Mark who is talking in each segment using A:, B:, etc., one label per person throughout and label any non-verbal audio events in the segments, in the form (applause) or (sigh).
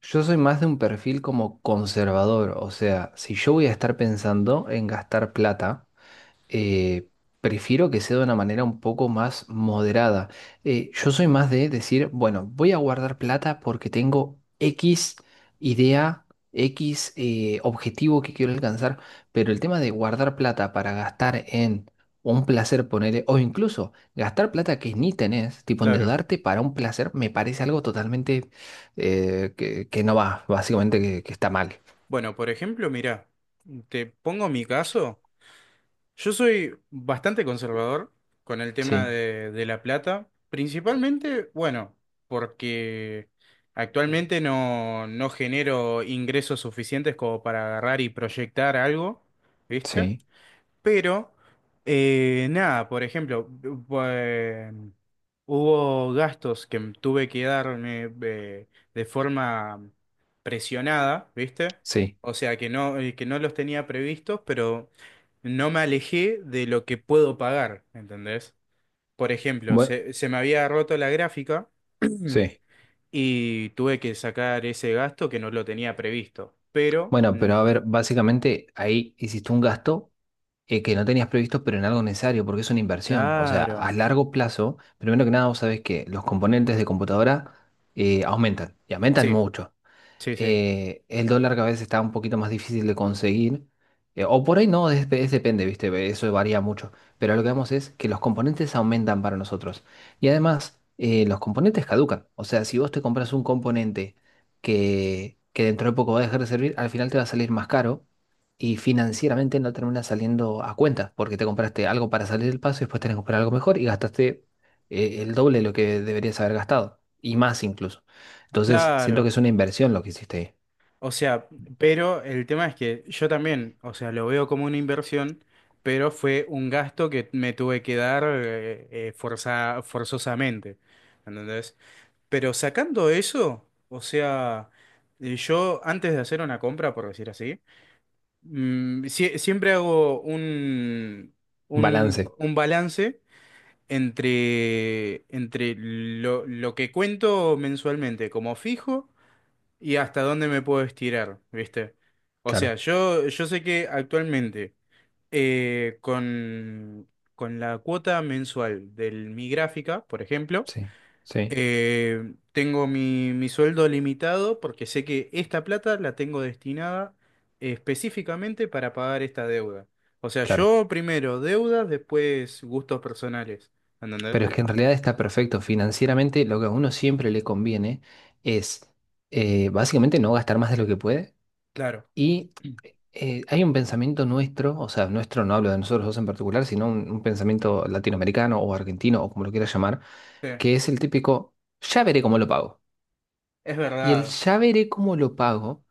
A: Yo soy más de un perfil como conservador, o sea, si yo voy a estar pensando en gastar plata, eh, prefiero que sea de una manera un poco más moderada. Yo soy más de decir, bueno, voy a guardar plata porque tengo X idea, X objetivo que quiero alcanzar, pero el tema de guardar plata para gastar en un placer, ponerle, o incluso gastar plata que ni tenés, tipo
B: Claro.
A: endeudarte para un placer, me parece algo totalmente que no va, básicamente que está mal.
B: Bueno, por ejemplo, mira, te pongo mi caso. Yo soy bastante conservador con el tema
A: Sí,
B: de la plata, principalmente, bueno, porque actualmente no genero ingresos suficientes como para agarrar y proyectar algo, ¿viste?
A: sí,
B: Pero, nada, por ejemplo, eh, hubo gastos que tuve que darme de forma presionada, ¿viste?
A: sí.
B: O sea, que no los tenía previstos, pero no me alejé de lo que puedo pagar, ¿entendés? Por ejemplo,
A: Bueno,
B: se me había roto la gráfica (clears throat)
A: sí.
B: y tuve que sacar ese gasto que no lo tenía previsto. Pero,
A: Bueno, pero a ver, básicamente ahí hiciste un gasto que no tenías previsto, pero en algo necesario, porque es una inversión. O sea,
B: claro,
A: a largo plazo, primero que nada, vos sabés que los componentes de computadora aumentan, y aumentan
B: sí,
A: mucho.
B: sí, sí,
A: El dólar que a veces está un poquito más difícil de conseguir, o por ahí no, es depende, ¿viste? Eso varía mucho, pero lo que vemos es que los componentes aumentan para nosotros. Y además, los componentes caducan, o sea, si vos te compras un componente que dentro de poco va a dejar de servir, al final te va a salir más caro y financieramente no termina saliendo a cuenta, porque te compraste algo para salir del paso y después tenés que comprar algo mejor y gastaste, el doble de lo que deberías haber gastado, y más incluso. Entonces, siento
B: claro.
A: que es una inversión lo que hiciste ahí.
B: O sea, pero el tema es que yo también, o sea, lo veo como una inversión, pero fue un gasto que me tuve que dar forzosamente, ¿entendés? Pero sacando eso, o sea, yo antes de hacer una compra, por decir así, siempre hago un, un,
A: Balance,
B: un balance entre lo que cuento mensualmente como fijo y hasta dónde me puedo estirar, ¿viste? O sea,
A: claro,
B: yo sé que actualmente eh, con, con la cuota mensual de mi gráfica, por ejemplo,
A: sí, sí,
B: tengo mi sueldo limitado porque sé que esta plata la tengo destinada específicamente para pagar esta deuda. O sea,
A: claro.
B: yo primero deudas, después gustos personales, ¿entendés?
A: Pero es que en realidad está perfecto. Financieramente, lo que a uno siempre le conviene es básicamente no gastar más de lo que puede.
B: Claro.
A: Y
B: Sí,
A: hay un pensamiento nuestro, o sea, nuestro no hablo de nosotros dos en particular, sino un pensamiento latinoamericano o argentino o como lo quieras llamar, que es el típico, ya veré cómo lo pago.
B: es
A: Y el
B: verdad.
A: ya veré cómo lo pago.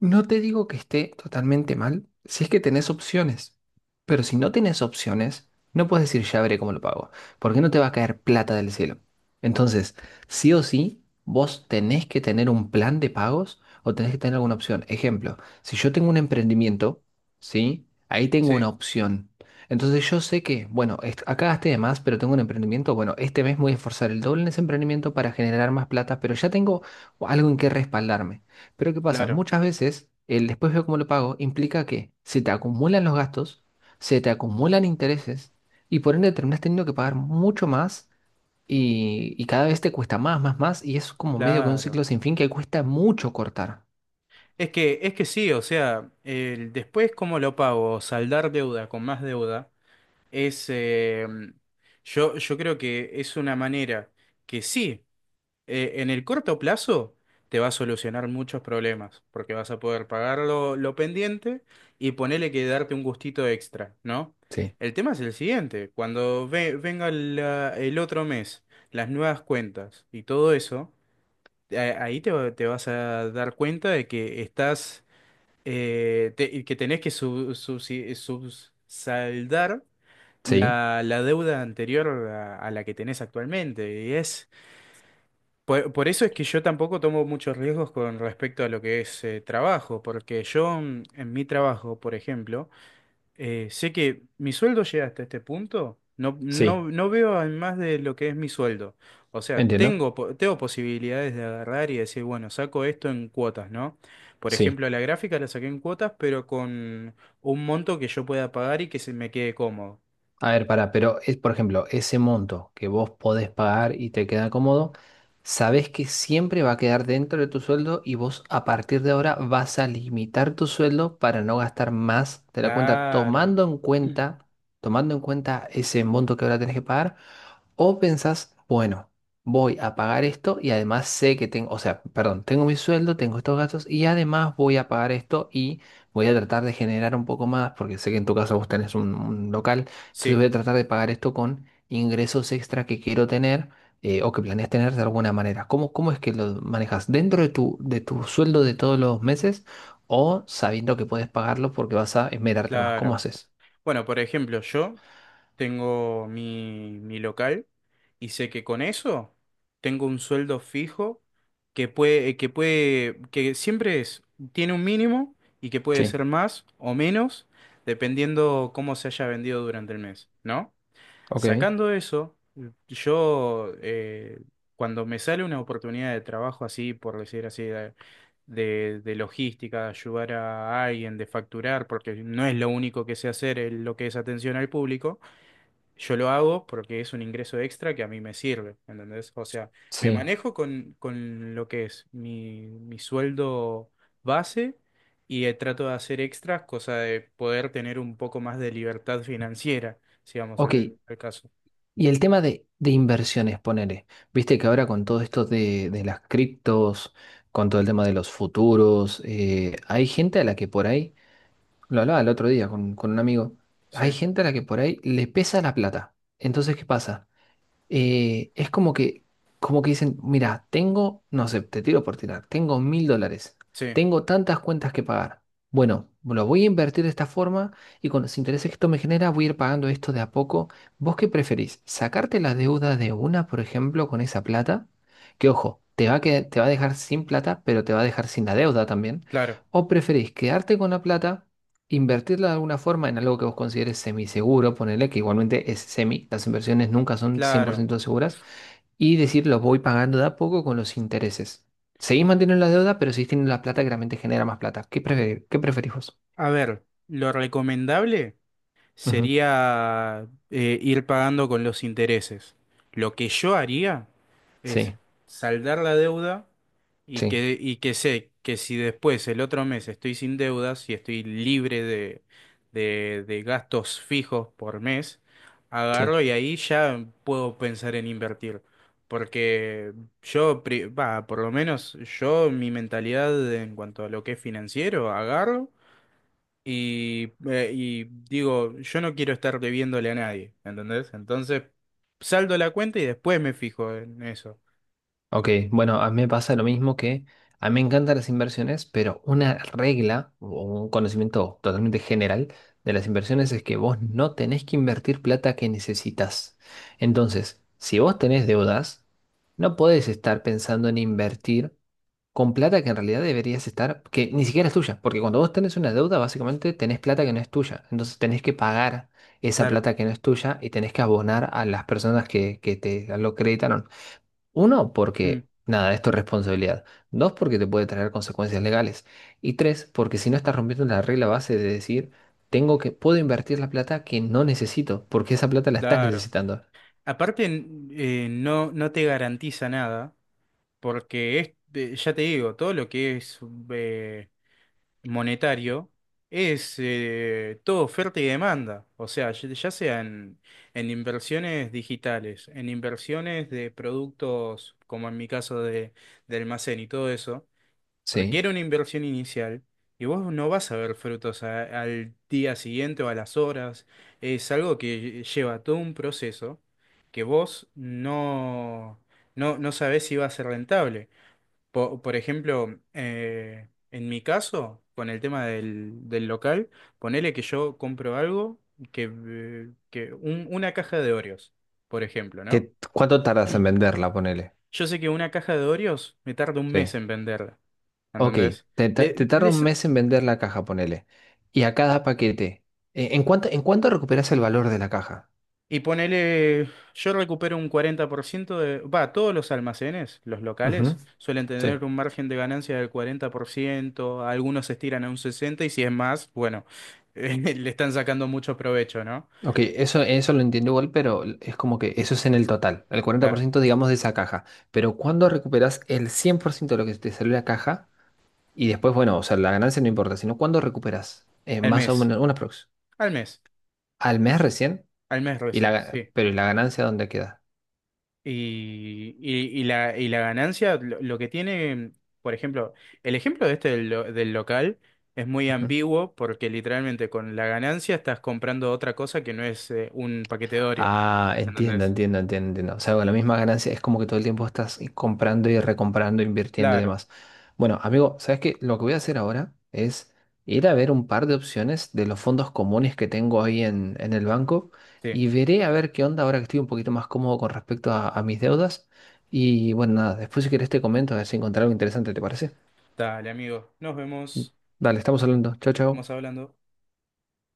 A: No te digo que esté totalmente mal si es que tenés opciones, pero si no tenés opciones, no puedes decir ya veré cómo lo pago, porque no te va a caer plata del cielo. Entonces, sí o sí, vos tenés que tener un plan de pagos o tenés que tener alguna opción. Ejemplo, si yo tengo un emprendimiento, ¿sí? Ahí tengo
B: Sí,
A: una opción. Entonces yo sé que, bueno, acá gasté de más, pero tengo un emprendimiento, bueno, este mes me voy a esforzar el doble en ese emprendimiento para generar más plata, pero ya tengo algo en qué respaldarme. Pero ¿qué pasa?
B: claro,
A: Muchas veces el después veo cómo lo pago implica que se te acumulan los gastos, se te acumulan intereses y por ende terminas teniendo que pagar mucho más y cada vez te cuesta más, más, más y es como medio que un
B: claro.
A: ciclo sin fin que cuesta mucho cortar.
B: Es que sí, o sea, el, después cómo lo pago, saldar deuda con más deuda, es, eh, yo creo que es una manera que sí, en el corto plazo te va a solucionar muchos problemas, porque vas a poder pagar lo pendiente y ponerle que darte un gustito extra, ¿no?
A: Sí,
B: El tema es el siguiente, cuando venga el otro mes, las nuevas cuentas y todo eso, ahí te vas a dar cuenta de que estás que tenés que subsaldar
A: sí,
B: la deuda anterior a la que tenés actualmente. Y es por eso es que yo tampoco tomo muchos riesgos con respecto a lo que es trabajo, porque yo en mi trabajo, por ejemplo, sé que mi sueldo llega hasta este punto, no,
A: sí,
B: no, no veo en más de lo que es mi sueldo. O sea,
A: entiendo.
B: tengo posibilidades de agarrar y decir, bueno, saco esto en cuotas, ¿no? Por
A: Sí.
B: ejemplo, la gráfica la saqué en cuotas, pero con un monto que yo pueda pagar y que se me quede cómodo.
A: A ver, pará, pero es, por ejemplo, ese monto que vos podés pagar y te queda cómodo, sabés que siempre va a quedar dentro de tu sueldo y vos a partir de ahora vas a limitar tu sueldo para no gastar más de la cuenta,
B: Claro,
A: tomando en cuenta, tomando en cuenta ese monto que ahora tenés que pagar. O pensás, bueno, voy a pagar esto y además sé que tengo, o sea, perdón, tengo mi sueldo, tengo estos gastos y además voy a pagar esto y voy a tratar de generar un poco más, porque sé que en tu caso vos tenés un local, entonces
B: sí,
A: voy a tratar de pagar esto con ingresos extra que quiero tener o que planeas tener de alguna manera. ¿Cómo es que lo manejas? ¿Dentro de tu, sueldo de todos los meses o sabiendo que puedes pagarlo porque vas a esmerarte más? ¿Cómo
B: claro.
A: haces?
B: Bueno, por ejemplo, yo tengo mi local y sé que con eso tengo un sueldo fijo que puede, que siempre es, tiene un mínimo y que puede
A: Sí,
B: ser más o menos dependiendo cómo se haya vendido durante el mes, ¿no?
A: ok,
B: Sacando eso, yo cuando me sale una oportunidad de trabajo así, por decir así, de logística, de ayudar a alguien, de facturar, porque no es lo único que sé hacer lo que es atención al público, yo lo hago porque es un ingreso extra que a mí me sirve, ¿entendés? O sea, me
A: sí.
B: manejo con lo que es mi sueldo base y trato de hacer extras, cosa de poder tener un poco más de libertad financiera, si vamos
A: Ok,
B: al al caso.
A: y el tema de, inversiones, ponele. Viste que ahora con todo esto de, las criptos, con todo el tema de los futuros, hay gente a la que por ahí, lo hablaba el otro día con, un amigo,
B: Sí,
A: hay gente a la que por ahí le pesa la plata. Entonces, ¿qué pasa? Es como que, dicen, mira, tengo, no sé, te tiro por tirar, tengo $1.000,
B: sí,
A: tengo tantas cuentas que pagar. Bueno, lo voy a invertir de esta forma y con los intereses que esto me genera voy a ir pagando esto de a poco. ¿Vos qué preferís? ¿Sacarte la deuda de una, por ejemplo, con esa plata? Que ojo, te va a dejar sin plata, pero te va a dejar sin la deuda también.
B: claro,
A: ¿O preferís quedarte con la plata? Invertirla de alguna forma en algo que vos consideres semiseguro, ponele que igualmente es semi, las inversiones nunca son cien por
B: claro.
A: ciento seguras, y decir los voy pagando de a poco con los intereses. Seguís manteniendo la deuda, pero seguís teniendo la plata que realmente genera más plata. ¿Qué preferís vos?
B: A ver, lo recomendable,
A: Ujú.
B: sería ir pagando con los intereses. Lo que yo haría es
A: Sí,
B: saldar la deuda y
A: sí,
B: que sé que si después el otro mes estoy sin deudas y estoy libre de gastos fijos por mes,
A: sí.
B: agarro y ahí ya puedo pensar en invertir. Porque yo, por lo menos yo, mi mentalidad en cuanto a lo que es financiero, agarro. Y digo, yo no quiero estar debiéndole a nadie, ¿entendés? Entonces, saldo la cuenta y después me fijo en eso.
A: Ok, bueno, a mí me pasa lo mismo que a mí me encantan las inversiones, pero una regla o un conocimiento totalmente general de las inversiones es que vos no tenés que invertir plata que necesitas. Entonces, si vos tenés deudas, no podés estar pensando en invertir con plata que en realidad deberías estar, que ni siquiera es tuya, porque cuando vos tenés una deuda, básicamente tenés plata que no es tuya. Entonces tenés que pagar esa
B: Claro.
A: plata que no es tuya y tenés que abonar a las personas que te lo acreditaron. Uno,
B: Mm,
A: porque nada, esto es tu responsabilidad. Dos, porque te puede traer consecuencias legales. Y tres, porque si no estás rompiendo la regla base de decir, tengo que, puedo invertir la plata que no necesito, porque esa plata la estás
B: claro.
A: necesitando.
B: Aparte, no te garantiza nada, porque ya te digo, todo lo que es eh, monetario es todo oferta y demanda. O sea, ya sea en inversiones digitales, en inversiones de productos, como en mi caso de almacén y todo eso
A: Sí.
B: requiere una inversión inicial y vos no vas a ver frutos al día siguiente o a las horas. Es algo que lleva todo un proceso que vos no sabés si va a ser rentable. Por ejemplo, en mi caso, con el tema del local, ponele que yo compro algo que una caja de Oreos, por ejemplo, ¿no?
A: ¿Qué, cuánto tardas en venderla, ponele?
B: Yo sé que una caja de Oreos me tarda un mes
A: Sí.
B: en venderla,
A: Ok,
B: ¿entendés?
A: te
B: Le-
A: tarda un
B: les-
A: mes en vender la caja, ponele. Y a cada paquete, ¿en cuánto recuperas el valor de la caja?
B: Y ponele, yo recupero un 40% todos los almacenes, los
A: Ujú,
B: locales, suelen tener
A: sí.
B: un margen de ganancia del 40%. Algunos se estiran a un 60% y si es más, bueno, (laughs) le están sacando mucho provecho, ¿no?
A: Ok, eso lo entiendo igual, pero es como que eso es en el total, el cuarenta por
B: Claro,
A: ciento digamos de esa caja. Pero cuando recuperas el 100% de lo que te salió la caja, y después, bueno, o sea, la ganancia no importa, sino cuando recuperas
B: al
A: más o
B: mes,
A: menos una prox.
B: al mes,
A: Al mes recién,
B: al mes recién, sí.
A: pero ¿y la ganancia dónde queda?
B: Y la ganancia, lo que tiene, por ejemplo, el ejemplo de este del local es muy ambiguo porque literalmente con la ganancia estás comprando otra cosa que no es un paquete de Oreo.
A: Ah, entiendo,
B: ¿Entendés?
A: entiendo, entiendo, entiendo. O sea, con la misma ganancia es como que todo el tiempo estás comprando y recomprando, invirtiendo y
B: Claro,
A: demás. Bueno, amigo, ¿sabes qué? Lo que voy a hacer ahora es ir a ver un par de opciones de los fondos comunes que tengo ahí en el banco
B: sí.
A: y veré a ver qué onda ahora que estoy un poquito más cómodo con respecto a mis deudas. Y bueno, nada, después si quieres te comento a ver si encontré algo interesante, ¿te parece?
B: Dale, amigo. Nos vemos.
A: Dale, estamos hablando. Chao, chao.
B: Estamos hablando.